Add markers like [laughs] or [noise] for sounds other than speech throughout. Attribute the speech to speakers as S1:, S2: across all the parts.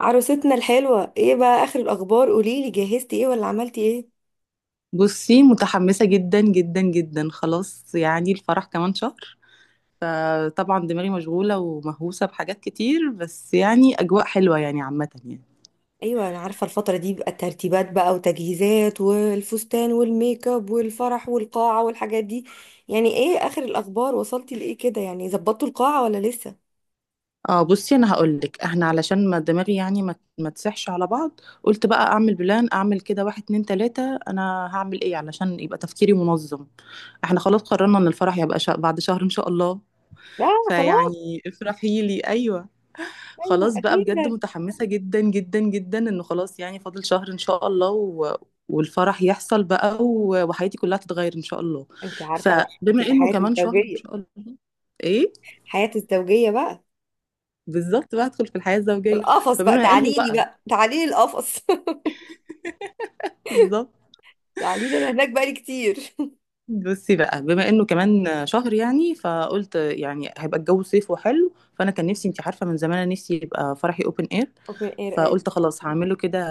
S1: عروستنا الحلوة، ايه بقى اخر الاخبار؟ قوليلي جهزتي ايه ولا عملتي ايه؟
S2: بصي، متحمسة جدا جدا جدا. خلاص يعني الفرح كمان شهر. فطبعا دماغي مشغولة ومهووسة بحاجات كتير، بس يعني أجواء حلوة يعني عامة يعني.
S1: ايوه، انا عارفة الفترة دي بقى، الترتيبات بقى وتجهيزات والفستان والميك اب والفرح والقاعة والحاجات دي. يعني ايه اخر الاخبار؟ وصلتي لايه كده؟ يعني ظبطتوا القاعة ولا لسه؟
S2: اه بصي انا هقولك، احنا علشان ما دماغي يعني ما تسحش على بعض، قلت بقى اعمل بلان، اعمل كده واحد اتنين تلاتة انا هعمل ايه علشان يبقى تفكيري منظم. احنا خلاص قررنا ان الفرح يبقى بعد شهر ان شاء الله.
S1: لا. خلاص.
S2: فيعني افرحي لي، ايوه.
S1: ايوه،
S2: خلاص بقى، بجد
S1: اكيد.
S2: متحمسة جدا جدا جدا انه خلاص يعني فاضل شهر ان شاء الله والفرح يحصل بقى وحياتي كلها تتغير ان شاء الله.
S1: انت عارفه بقى [laughs]
S2: فبما
S1: هتبقى
S2: انه
S1: حياتي
S2: كمان شهر ان شاء
S1: الزوجيه.
S2: الله، ايه،
S1: حياتي الزوجية بقى.
S2: بالظبط بقى ادخل في الحياة الزوجية.
S1: القفص بقى،
S2: فبما انه
S1: تعاليلي
S2: بقى،
S1: بقى، تعاليلي القفص.
S2: بالظبط.
S1: [laughs] تعاليلي، انا هناك بقالي كتير. [laughs]
S2: بصي بقى، بما انه كمان شهر يعني، فقلت يعني هيبقى الجو صيف وحلو، فانا كان نفسي، انت عارفه من زمان انا نفسي يبقى فرحي اوبن اير.
S1: اوبن اير، ايوه.
S2: فقلت خلاص هعمله كده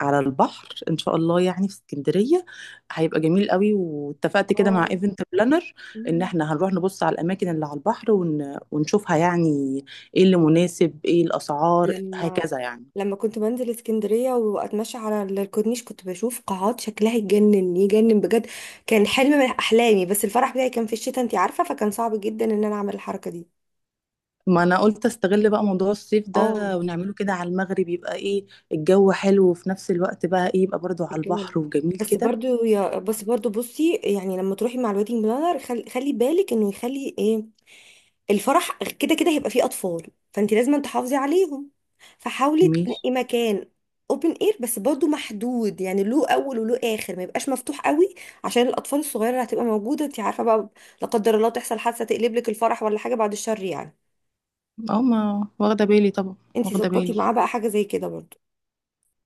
S2: على البحر ان شاء الله، يعني في اسكندريه. هيبقى جميل قوي، واتفقت كده مع
S1: اه.
S2: ايفنت بلانر ان احنا هنروح نبص على الاماكن اللي على البحر ونشوفها يعني، ايه اللي مناسب، ايه الاسعار،
S1: لما
S2: هكذا يعني.
S1: لما كنت بنزل اسكندرية واتمشى على الكورنيش، كنت بشوف قاعات شكلها يجنن يجنن بجد. كان حلم من احلامي، بس الفرح بتاعي كان في الشتاء، انتي عارفة، فكان صعب جدا ان انا اعمل الحركة دي.
S2: ما انا قلت استغل بقى موضوع الصيف ده
S1: اه،
S2: ونعمله كده على المغرب، يبقى ايه، الجو حلو وفي نفس الوقت بقى ايه يبقى برضو على
S1: رجاله.
S2: البحر وجميل كده.
S1: بس برضو، بصي يعني لما تروحي مع الويدنج بلانر، خلي بالك انه يخلي ايه. الفرح كده كده هيبقى فيه اطفال، فانت لازم تحافظي عليهم، فحاولي
S2: ماشي.
S1: تنقي مكان اوبن اير، بس برضو محدود، يعني له اول وله اخر، ما يبقاش مفتوح قوي، عشان الاطفال الصغيره اللي هتبقى موجوده، انت عارفه بقى، لا قدر الله تحصل حادثه تقلب لك الفرح ولا حاجه، بعد الشر يعني.
S2: اه ما واخده بالي طبعا،
S1: انت
S2: واخده
S1: ظبطي
S2: بالي.
S1: معاه بقى حاجه زي كده برضو.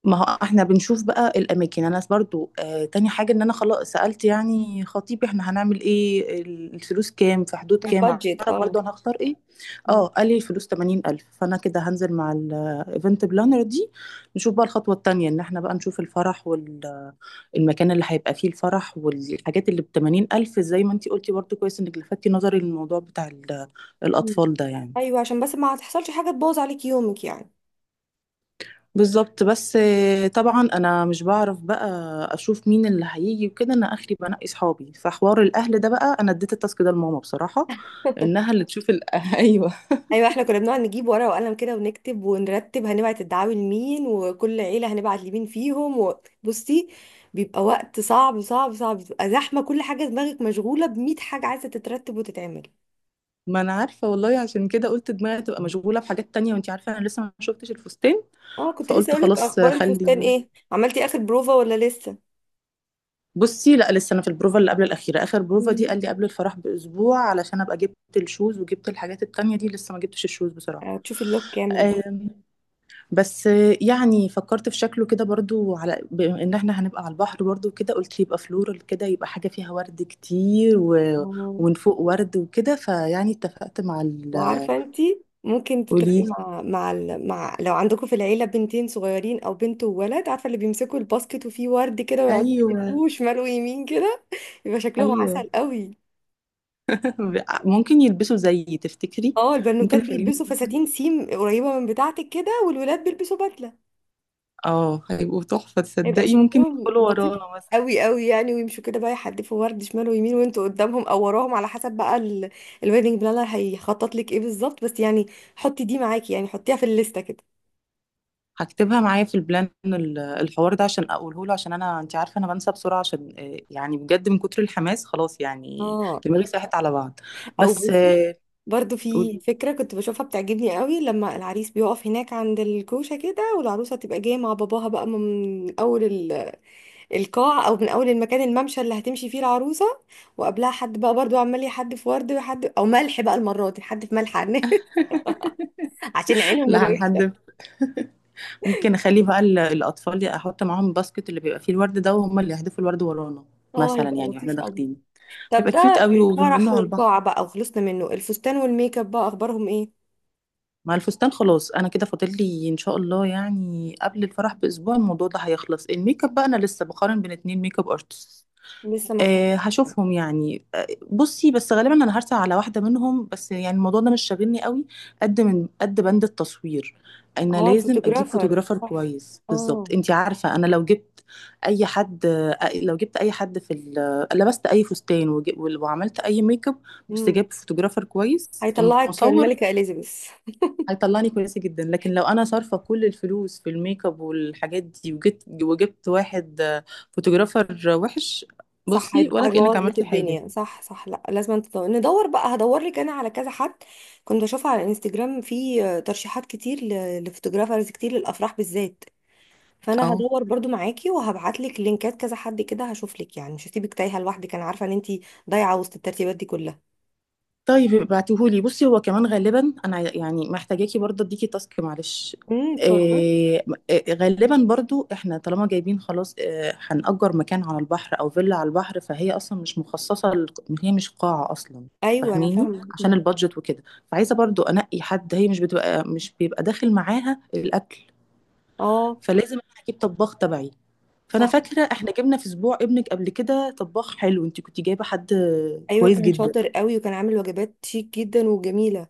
S2: ما هو احنا بنشوف بقى الاماكن. انا برضو تاني حاجه ان انا خلاص سالت يعني خطيبي احنا هنعمل ايه، الفلوس كام، في حدود كام،
S1: البادجت،
S2: اعرف
S1: اه.
S2: برضو انا هختار ايه.
S1: مم.
S2: اه قال لي الفلوس 80,000، فانا كده هنزل مع الايفنت بلانر دي نشوف بقى الخطوه التانيه ان احنا بقى نشوف الفرح، المكان اللي هيبقى فيه الفرح، والحاجات اللي ب80,000 زي ما انتي قلتي. برضو كويس انك لفتي نظري للموضوع بتاع
S1: مم.
S2: الأطفال ده يعني.
S1: ايوه، عشان بس ما تحصلش حاجه تبوظ عليك يومك يعني.
S2: بالظبط. بس طبعا انا مش بعرف بقى اشوف مين اللي هيجي وكده، انا اخري بنقي صحابي. فحوار الاهل ده بقى، انا اديت التاسك ده لماما بصراحه، انها اللي تشوف [laughs] ايوه.
S1: ايوه، احنا كنا بنقعد نجيب ورقه وقلم كده ونكتب ونرتب هنبعت الدعاوي لمين، وكل عيله هنبعت لمين فيهم، وبصي، بيبقى وقت صعب صعب صعب، بتبقى زحمه كل حاجه، دماغك مشغوله ب100 حاجه عايزه تترتب وتتعمل.
S2: ما انا عارفه والله، عشان كده قلت دماغي تبقى مشغوله بحاجات تانية. وانتي عارفه انا لسه ما شفتش الفستان،
S1: اه، كنت لسه
S2: فقلت
S1: اقولك،
S2: خلاص
S1: اخبار الفستان
S2: خلي
S1: ايه؟ عملتي اخر بروفا ولا لسه؟
S2: بُصّي، لأ لسه أنا في البروفة اللي قبل الأخيرة، آخر بروفة دي
S1: مم.
S2: قال لي قبل الفرح بأسبوع علشان أبقى جِبت الshoes وجِبت الحاجات التانية دي، لسه ما جِبتش الshoes بصراحة.
S1: هتشوفي اللوك كامل بقى.
S2: آمم، بس يعني فكّرت في شكله كده برضه، على بما إن إحنا هنبقى على البحر برضه وكده، قُلت يبقى floral كده، يبقى حاجة فيها وَرْد كتير، و
S1: آه.
S2: ومن فوق وَرْد وكده، فيعني اتفقت مع
S1: وعارفة انتي ممكن
S2: قولي
S1: تتفقي
S2: لي.
S1: مع لو عندكم في العيلة بنتين صغيرين او بنت وولد، عارفة اللي بيمسكوا الباسكت وفيه ورد كده ويقعدوا
S2: أيوه.
S1: يحتفوه شمال ويمين كده؟ يبقى شكلهم
S2: أيوه.
S1: عسل قوي.
S2: [laughs] ب ممكن يلبسوا زيي تفتكري؟
S1: اه،
S2: ممكن
S1: البنوتات
S2: أخلّيهم
S1: بيلبسوا
S2: يلبسوا
S1: فساتين سيم قريبة من بتاعتك كده، والولاد بيلبسوا بدلة.
S2: هيبقوا تحفة،
S1: يبقى
S2: تصدّقي ممكن
S1: شكلهم
S2: يدخلوا
S1: لطيف
S2: ورانا مثلًا.
S1: قوي قوي، يعني ويمشوا كده بقى يحدفوا ورد شمال ويمين وانتوا قدامهم او وراهم، على حسب بقى الويدنج بلانر هيخطط لك ايه بالظبط، بس يعني حطي دي معاكي، يعني حطيها في الليستة كده.
S2: هكتبها معايا في البلان، الحوار ده، عشان اقوله له، عشان انا انت عارفه انا بنسى بسرعه، عشان يعني بجد من كتر الحماس خلاص يعني
S1: اه،
S2: دماغي ساحت على بعض.
S1: او
S2: بس
S1: بصي، برضو في
S2: قول-
S1: فكرة كنت بشوفها بتعجبني قوي، لما العريس بيقف هناك عند الكوشة كده والعروسة تبقى جاية مع باباها بقى من القاع، أو من أول المكان، الممشى اللي هتمشي فيه العروسة، وقبلها حد بقى برضو عمال يحدف ورد ويحدف، أو ملح بقى المرة دي، حد في ملح [laughs] عشان عينهم
S2: لا
S1: الوحشة.
S2: هنحدد. ممكن اخلي بقى الاطفال، احط معاهم باسكت اللي بيبقى فيه الورد ده، وهم اللي يحدفوا الورد ورانا
S1: اه،
S2: مثلا
S1: هيبقى
S2: يعني، واحنا
S1: لطيف قوي.
S2: داخلين.
S1: طب
S2: هيبقى كيوت
S1: ده
S2: قوي، وبما
S1: الفرح
S2: انه على البحر.
S1: والقاع بقى وخلصنا منه، الفستان والميك اب بقى أخبارهم إيه؟
S2: مع الفستان خلاص، انا كده فاضل لي ان شاء الله يعني قبل الفرح باسبوع الموضوع ده هيخلص. الميك اب بقى، انا لسه بقارن بين اتنين ميك اب ارتست.
S1: لسه ما اخترت.
S2: أه هشوفهم يعني بصي بس غالبا انا هرسل على واحده منهم، بس يعني الموضوع ده مش شاغلني قوي قد من قد بند التصوير. انا
S1: اه،
S2: لازم اجيب
S1: الفوتوغرافر،
S2: فوتوغرافر
S1: صح.
S2: كويس بالظبط.
S1: اه.
S2: انتي عارفه انا لو جبت اي حد لو جبت اي حد في لبست اي فستان وعملت اي ميك اب بس
S1: امم.
S2: جبت فوتوغرافر كويس،
S1: هيطلعك
S2: المصور
S1: الملكة إليزابيث.
S2: هيطلعني كويسة جدا. لكن لو انا صارفة كل الفلوس في الميك اب والحاجات دي، وجبت واحد فوتوغرافر وحش،
S1: صح،
S2: بصي ولا كأنك
S1: هيبوظ لك
S2: عملتي حاجة.
S1: الدنيا. صح، صح. لا، لازم أنت تدور، ندور بقى، هدور لك انا على كذا حد. كنت بشوف على الانستجرام في ترشيحات كتير لفوتوغرافرز كتير للافراح بالذات، فانا
S2: اه
S1: هدور برضو معاكي وهبعت لك لينكات كذا حد كده، هشوف لك يعني، مش هسيبك تايهه لوحدك، انا عارفه ان انت ضايعه وسط الترتيبات دي كلها.
S2: طيب ابعتيهولي. بصي هو كمان غالبا انا يعني محتاجاكي برضه اديكي تاسك، معلش.
S1: اتفضلي.
S2: إيه، غالبا برضو احنا طالما جايبين خلاص إيه، هنأجر مكان على البحر او فيلا على البحر، فهي اصلا مش مخصصة هي مش قاعة اصلا،
S1: ايوه انا
S2: فاهميني،
S1: فاهمه
S2: عشان
S1: أمم،
S2: البادجت وكده. فعايزة برضو انقي حد، هي مش بيبقى داخل معاها الاكل،
S1: اه،
S2: فلازم انا اجيب طباخ تبعي. فانا
S1: صح.
S2: فاكرة احنا جبنا في اسبوع ابنك قبل كده طباخ حلو، انت كنت جايبة حد
S1: ايوه،
S2: كويس
S1: كان
S2: جدا.
S1: شاطر قوي، وكان عامل وجبات شيك جدا وجميله،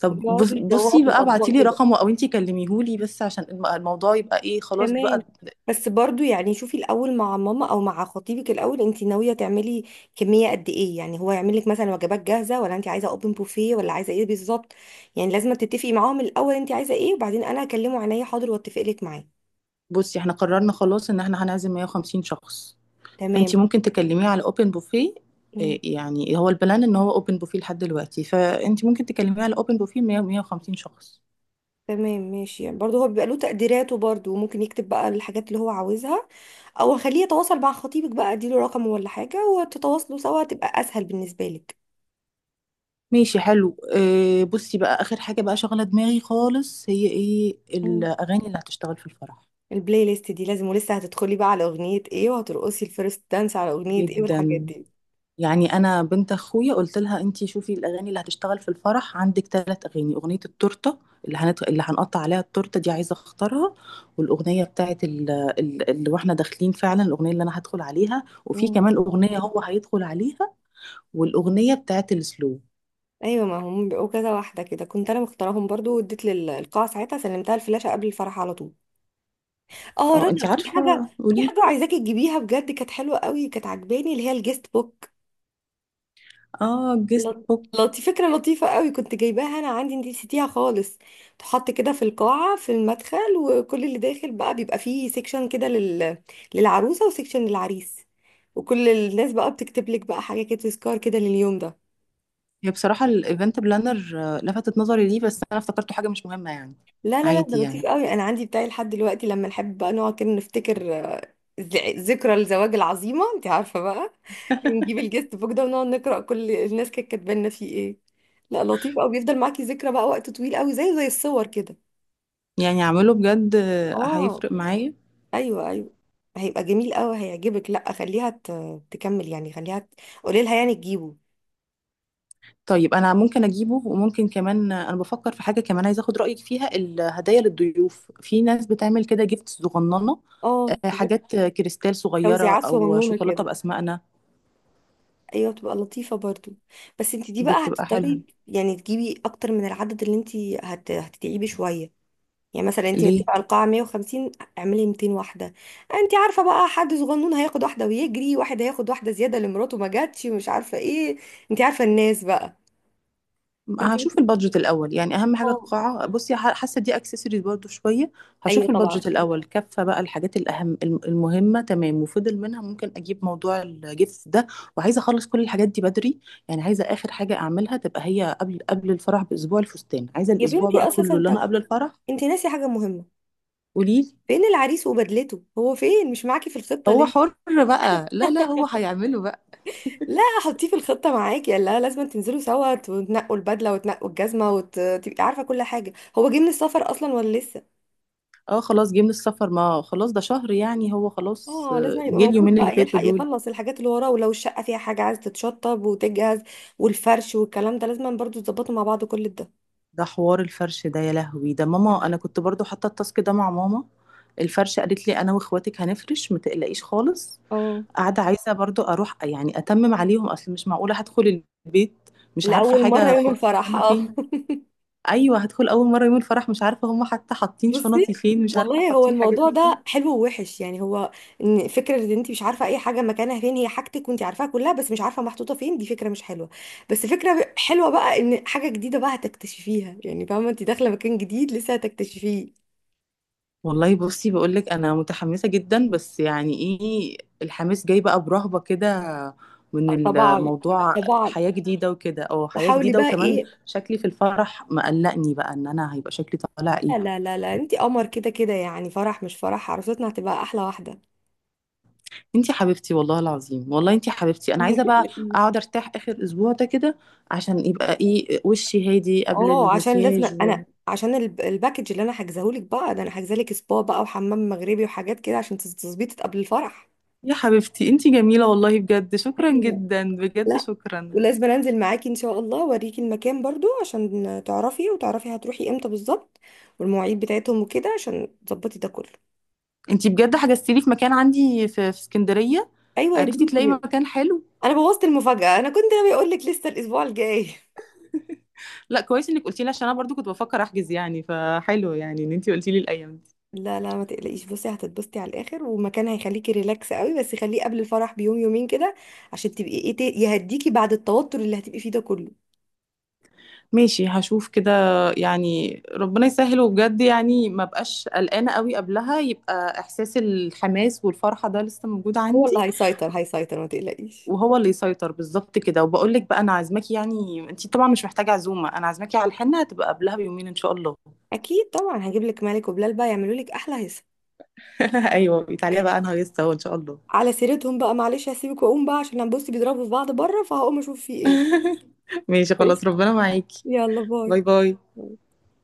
S2: طب بص
S1: وبيقعدوا يدوقوا
S2: بصي
S1: في
S2: بقى ابعتي
S1: الاطباق
S2: لي
S1: كده.
S2: رقمه او انتي كلميهولي، بس عشان الموضوع يبقى ايه، خلاص
S1: تمام.
S2: بقى.
S1: بس برضو يعني شوفي الاول مع ماما او مع خطيبك، الاول انت ناويه تعملي كميه قد ايه؟ يعني هو يعمل لك مثلا وجبات جاهزه، ولا انت عايزه اوبن بوفيه، ولا عايزه ايه بالظبط؟ يعني لازم تتفقي معاهم الاول انت عايزه ايه، وبعدين انا هكلمه عينيا حاضر واتفق لك معاه.
S2: بصي احنا قررنا خلاص ان احنا هنعزم 150 شخص،
S1: تمام.
S2: فانتي ممكن تكلميه على اوبن بوفيه.
S1: مم.
S2: يعني هو البلان ان هو اوبن بوفيه لحد دلوقتي، فانتي ممكن تكلميه على اوبن بوفيه 100 150 شخص.
S1: تمام، ماشي. يعني برضو هو بيبقى له تقديراته برضو، وممكن يكتب بقى الحاجات اللي هو عاوزها، او خليه يتواصل مع خطيبك بقى، اديله رقمه ولا حاجه وتتواصلوا سوا، تبقى اسهل بالنسبه لك.
S2: ماشي، حلو. إيه، بصي بقى اخر حاجه بقى شغله دماغي خالص، هي ايه
S1: مم.
S2: الاغاني اللي هتشتغل في الفرح.
S1: البلاي ليست دي لازم، ولسه هتدخلي بقى على اغنية ايه، وهترقصي الفيرست دانس على اغنية ايه، والحاجات
S2: جدا،
S1: دي.
S2: يعني انا بنت اخويا قلت لها انتي شوفي الاغاني اللي هتشتغل في الفرح. عندك ثلاث اغاني، اغنيه التورته اللي هنقطع عليها التورته دي عايزه اختارها، والاغنيه بتاعت اللي واحنا داخلين فعلا، الاغنيه اللي انا هدخل عليها، وفي
S1: مم.
S2: كمان اغنيه هو هيدخل عليها، والاغنيه بتاعت السلو.
S1: ايوه، ما هم بيبقوا كذا واحدة كده، كنت انا مختارهم برضو واديت للقاعة ساعتها، سلمتها الفلاشة قبل الفرح على طول. اه،
S2: اه انتي
S1: رنا، في
S2: عارفه
S1: حاجة. في
S2: قولي.
S1: حاجة عايزاكي تجيبيها بجد، كانت حلوة قوي، كانت عجباني، اللي هي الجيست بوك.
S2: اه جيست
S1: لط-
S2: بوك.
S1: لطي فكرة لطيفة قوي، كنت جايباها انا عندي، انتي نسيتيها خالص. تحط كده في القاعة في المدخل، وكل اللي داخل بقى بيبقى فيه سيكشن كده للعروسة، وسيكشن للعريس، وكل الناس بقى بتكتب لك بقى حاجة كده، تذكار كده لليوم ده.
S2: هي بصراحه الايفنت بلانر لفتت نظري ليه، بس انا افتكرته حاجه مش مهمه يعني،
S1: لا لا لا، ده
S2: عادي
S1: لطيف
S2: يعني.
S1: قوي. انا عندي بتاعي لحد دلوقتي، لما نحب بقى نقعد كده نفتكر، ذكرى الزواج العظيمة، انت عارفة بقى.
S2: [laughs]
S1: نجيب الجست بوك ده ونقعد نقرأ كل الناس كانت كاتبانا فيه ايه. لا، لطيف قوي، بيفضل معاكي ذكرى بقى وقت طويل قوي، زي الصور كده.
S2: يعني اعمله بجد
S1: اه،
S2: هيفرق معايا؟
S1: ايوه ايوه، هيبقى جميل قوي، هيعجبك، لا خليها تكمل، يعني خليها قولي لها يعني تجيبه.
S2: طيب انا ممكن اجيبه. وممكن كمان انا بفكر في حاجه كمان عايزه اخد رايك فيها، الهدايا للضيوف. في ناس بتعمل كده جيفت صغننه
S1: اه، حاجات،
S2: حاجات كريستال صغيره
S1: توزيعات
S2: او
S1: صغنونه كده.
S2: شوكولاته باسمائنا،
S1: ايوه، تبقى لطيفه برضو، بس انت دي بقى
S2: بتبقى حلوه
S1: هتضطري يعني تجيبي اكتر من العدد اللي انت هتتعبي شويه. يعني مثلا انت
S2: ليه.
S1: متفقه القاعه 150، اعملي 200 واحده. انت عارفه بقى حد صغنون هياخد واحده ويجري، واحد هياخد واحده زياده لمراته ما جاتش، مش عارفه ايه، انت عارفه الناس بقى. فانت،
S2: هشوف البادجت الاول يعني، اهم حاجه القاعه، بصي حاسه دي اكسسوارز برضو شويه.
S1: ايوه
S2: هشوف البادجت
S1: طبعا.
S2: الاول كفه بقى الحاجات الاهم، المهمه، تمام وفضل منها ممكن اجيب موضوع الجيفت ده. وعايزه اخلص كل الحاجات دي بدري، يعني عايزه اخر حاجه اعملها تبقى هي، قبل الفرح باسبوع الفستان، عايزه
S1: يا
S2: الاسبوع بقى
S1: بنتي،
S2: كله
S1: اساسا
S2: اللي انا قبل الفرح.
S1: انت ناسي حاجة مهمة.
S2: قوليلي.
S1: فين العريس وبدلته؟ هو فين مش معاكي في الخطة؟
S2: هو
S1: ليه؟
S2: حر بقى، لا لا هو هيعمله بقى.
S1: لا حطيه في الخطة معاكي. لا، لازم تنزلوا سوا وتنقوا البدلة وتنقوا الجزمة وتبقي عارفة كل حاجة، هو جه من السفر اصلا ولا لسه؟
S2: اه خلاص جه من السفر، ما خلاص ده شهر يعني، هو خلاص
S1: اه، لازم يبقى
S2: جه
S1: موجود
S2: اليومين اللي
S1: بقى،
S2: فاتوا
S1: يلحق
S2: دول.
S1: يخلص الحاجات اللي وراه، ولو الشقة فيها حاجة عايز تتشطب وتجهز، والفرش والكلام ده لازم برضو تظبطوا مع بعض كل ده.
S2: ده حوار الفرش ده يا لهوي، ده ماما انا
S1: مم.
S2: كنت برضو حاطه التاسك ده مع ماما. الفرش قالت لي انا واخواتك هنفرش ما تقلقيش خالص.
S1: اه،
S2: قاعده عايزه برضو اروح يعني اتمم عليهم، اصل مش معقوله هدخل البيت مش عارفه
S1: لأول مرة
S2: حاجه
S1: يوم
S2: خالص
S1: الفرح،
S2: مكانها
S1: اه.
S2: فين. ايوه هدخل اول مره يوم الفرح، مش عارفه هم حتى حاطين
S1: بصي،
S2: شنطي فين، مش عارفه
S1: والله هو
S2: حاطين حاجاتي
S1: الموضوع ده
S2: فين.
S1: حلو ووحش يعني، هو ان فكره ان انت مش عارفه اي حاجه مكانها فين، هي حاجتك وانت عارفاها كلها بس مش عارفه محطوطه فين، دي فكره مش حلوه. بس فكره حلوه بقى ان حاجه جديده بقى هتكتشفيها، يعني فاهمه انت داخله مكان جديد لسه هتكتشفيه.
S2: والله بصي بقولك، انا متحمسه جدا، بس يعني ايه الحماس جاي بقى برهبه كده
S1: آه،
S2: من
S1: طبعا.
S2: الموضوع،
S1: طبعا،
S2: حياه جديده وكده. اه حياه
S1: وحاولي
S2: جديده،
S1: بقى
S2: وكمان
S1: ايه.
S2: شكلي في الفرح مقلقني بقى، ان انا هيبقى شكلي طالع
S1: لا
S2: ايه.
S1: لا لا, لا. انت قمر كده كده، يعني فرح مش فرح، عروستنا هتبقى احلى واحده.
S2: انتي حبيبتي، والله العظيم والله انتي حبيبتي. انا
S1: ما
S2: عايزه بقى
S1: تقلقيش.
S2: اقعد ارتاح اخر اسبوع ده كده عشان يبقى ايه وشي هادي قبل
S1: اه، عشان لازم
S2: المكياج
S1: انا، عشان الباكج اللي انا حاجزاهولك بقى ده، انا حاجزالك سبا بقى وحمام مغربي وحاجات كده عشان تظبيطك قبل الفرح.
S2: يا حبيبتي انتي جميله والله، بجد شكرا
S1: ايوه.
S2: جدا، بجد
S1: لا،
S2: شكرا.
S1: ولازم انزل معاكي ان شاء الله اوريكي المكان برضو، عشان تعرفي، وتعرفي هتروحي امتى بالظبط، والمواعيد بتاعتهم وكده، عشان تظبطي ده كله.
S2: انتي بجد حجزتي لي في مكان عندي في اسكندريه؟
S1: ايوه يا
S2: عرفتي تلاقي
S1: بنتي،
S2: مكان حلو؟
S1: انا بوظت المفاجأة، انا كنت ناوي اقول لك لسه الاسبوع الجاي.
S2: لا كويس انك قلتي لي، عشان انا برضو كنت بفكر احجز يعني، فحلو يعني ان انتي قلتي لي الايام دي.
S1: لا لا، ما تقلقيش، بصي هتتبسطي على الاخر، ومكان هيخليكي ريلاكس قوي، بس خليه قبل الفرح بيوم يومين كده، عشان تبقي ايه يهديكي بعد التوتر اللي هتبقي فيه ده كله.
S2: ماشي هشوف كده. يعني ربنا يسهل، وبجد يعني ما بقاش قلقانه قوي قبلها، يبقى احساس الحماس والفرحه ده لسه موجود
S1: هو اللي
S2: عندي
S1: هيسيطر، هيسيطر، ما تقلقيش.
S2: وهو اللي يسيطر، بالظبط كده. وبقول لك بقى، انا عازماكي، يعني انتي طبعا مش محتاجه عزومه، انا عازماكي على الحنه، هتبقى قبلها بيومين ان شاء الله.
S1: اكيد طبعا، هجيب لك مالك وبلال بقى يعملوا لك احلى هيصه.
S2: [laughs] ايوه تعالي بقى، انا هيصه ان شاء الله.
S1: على سيرتهم بقى، معلش هسيبك واقوم بقى، عشان انا بصي بيضربوا في بعض بره، فهقوم اشوف في ايه.
S2: [laughs] ماشي خلاص،
S1: [laughs]
S2: ربنا معاكي.
S1: يلا باي.
S2: باي باي.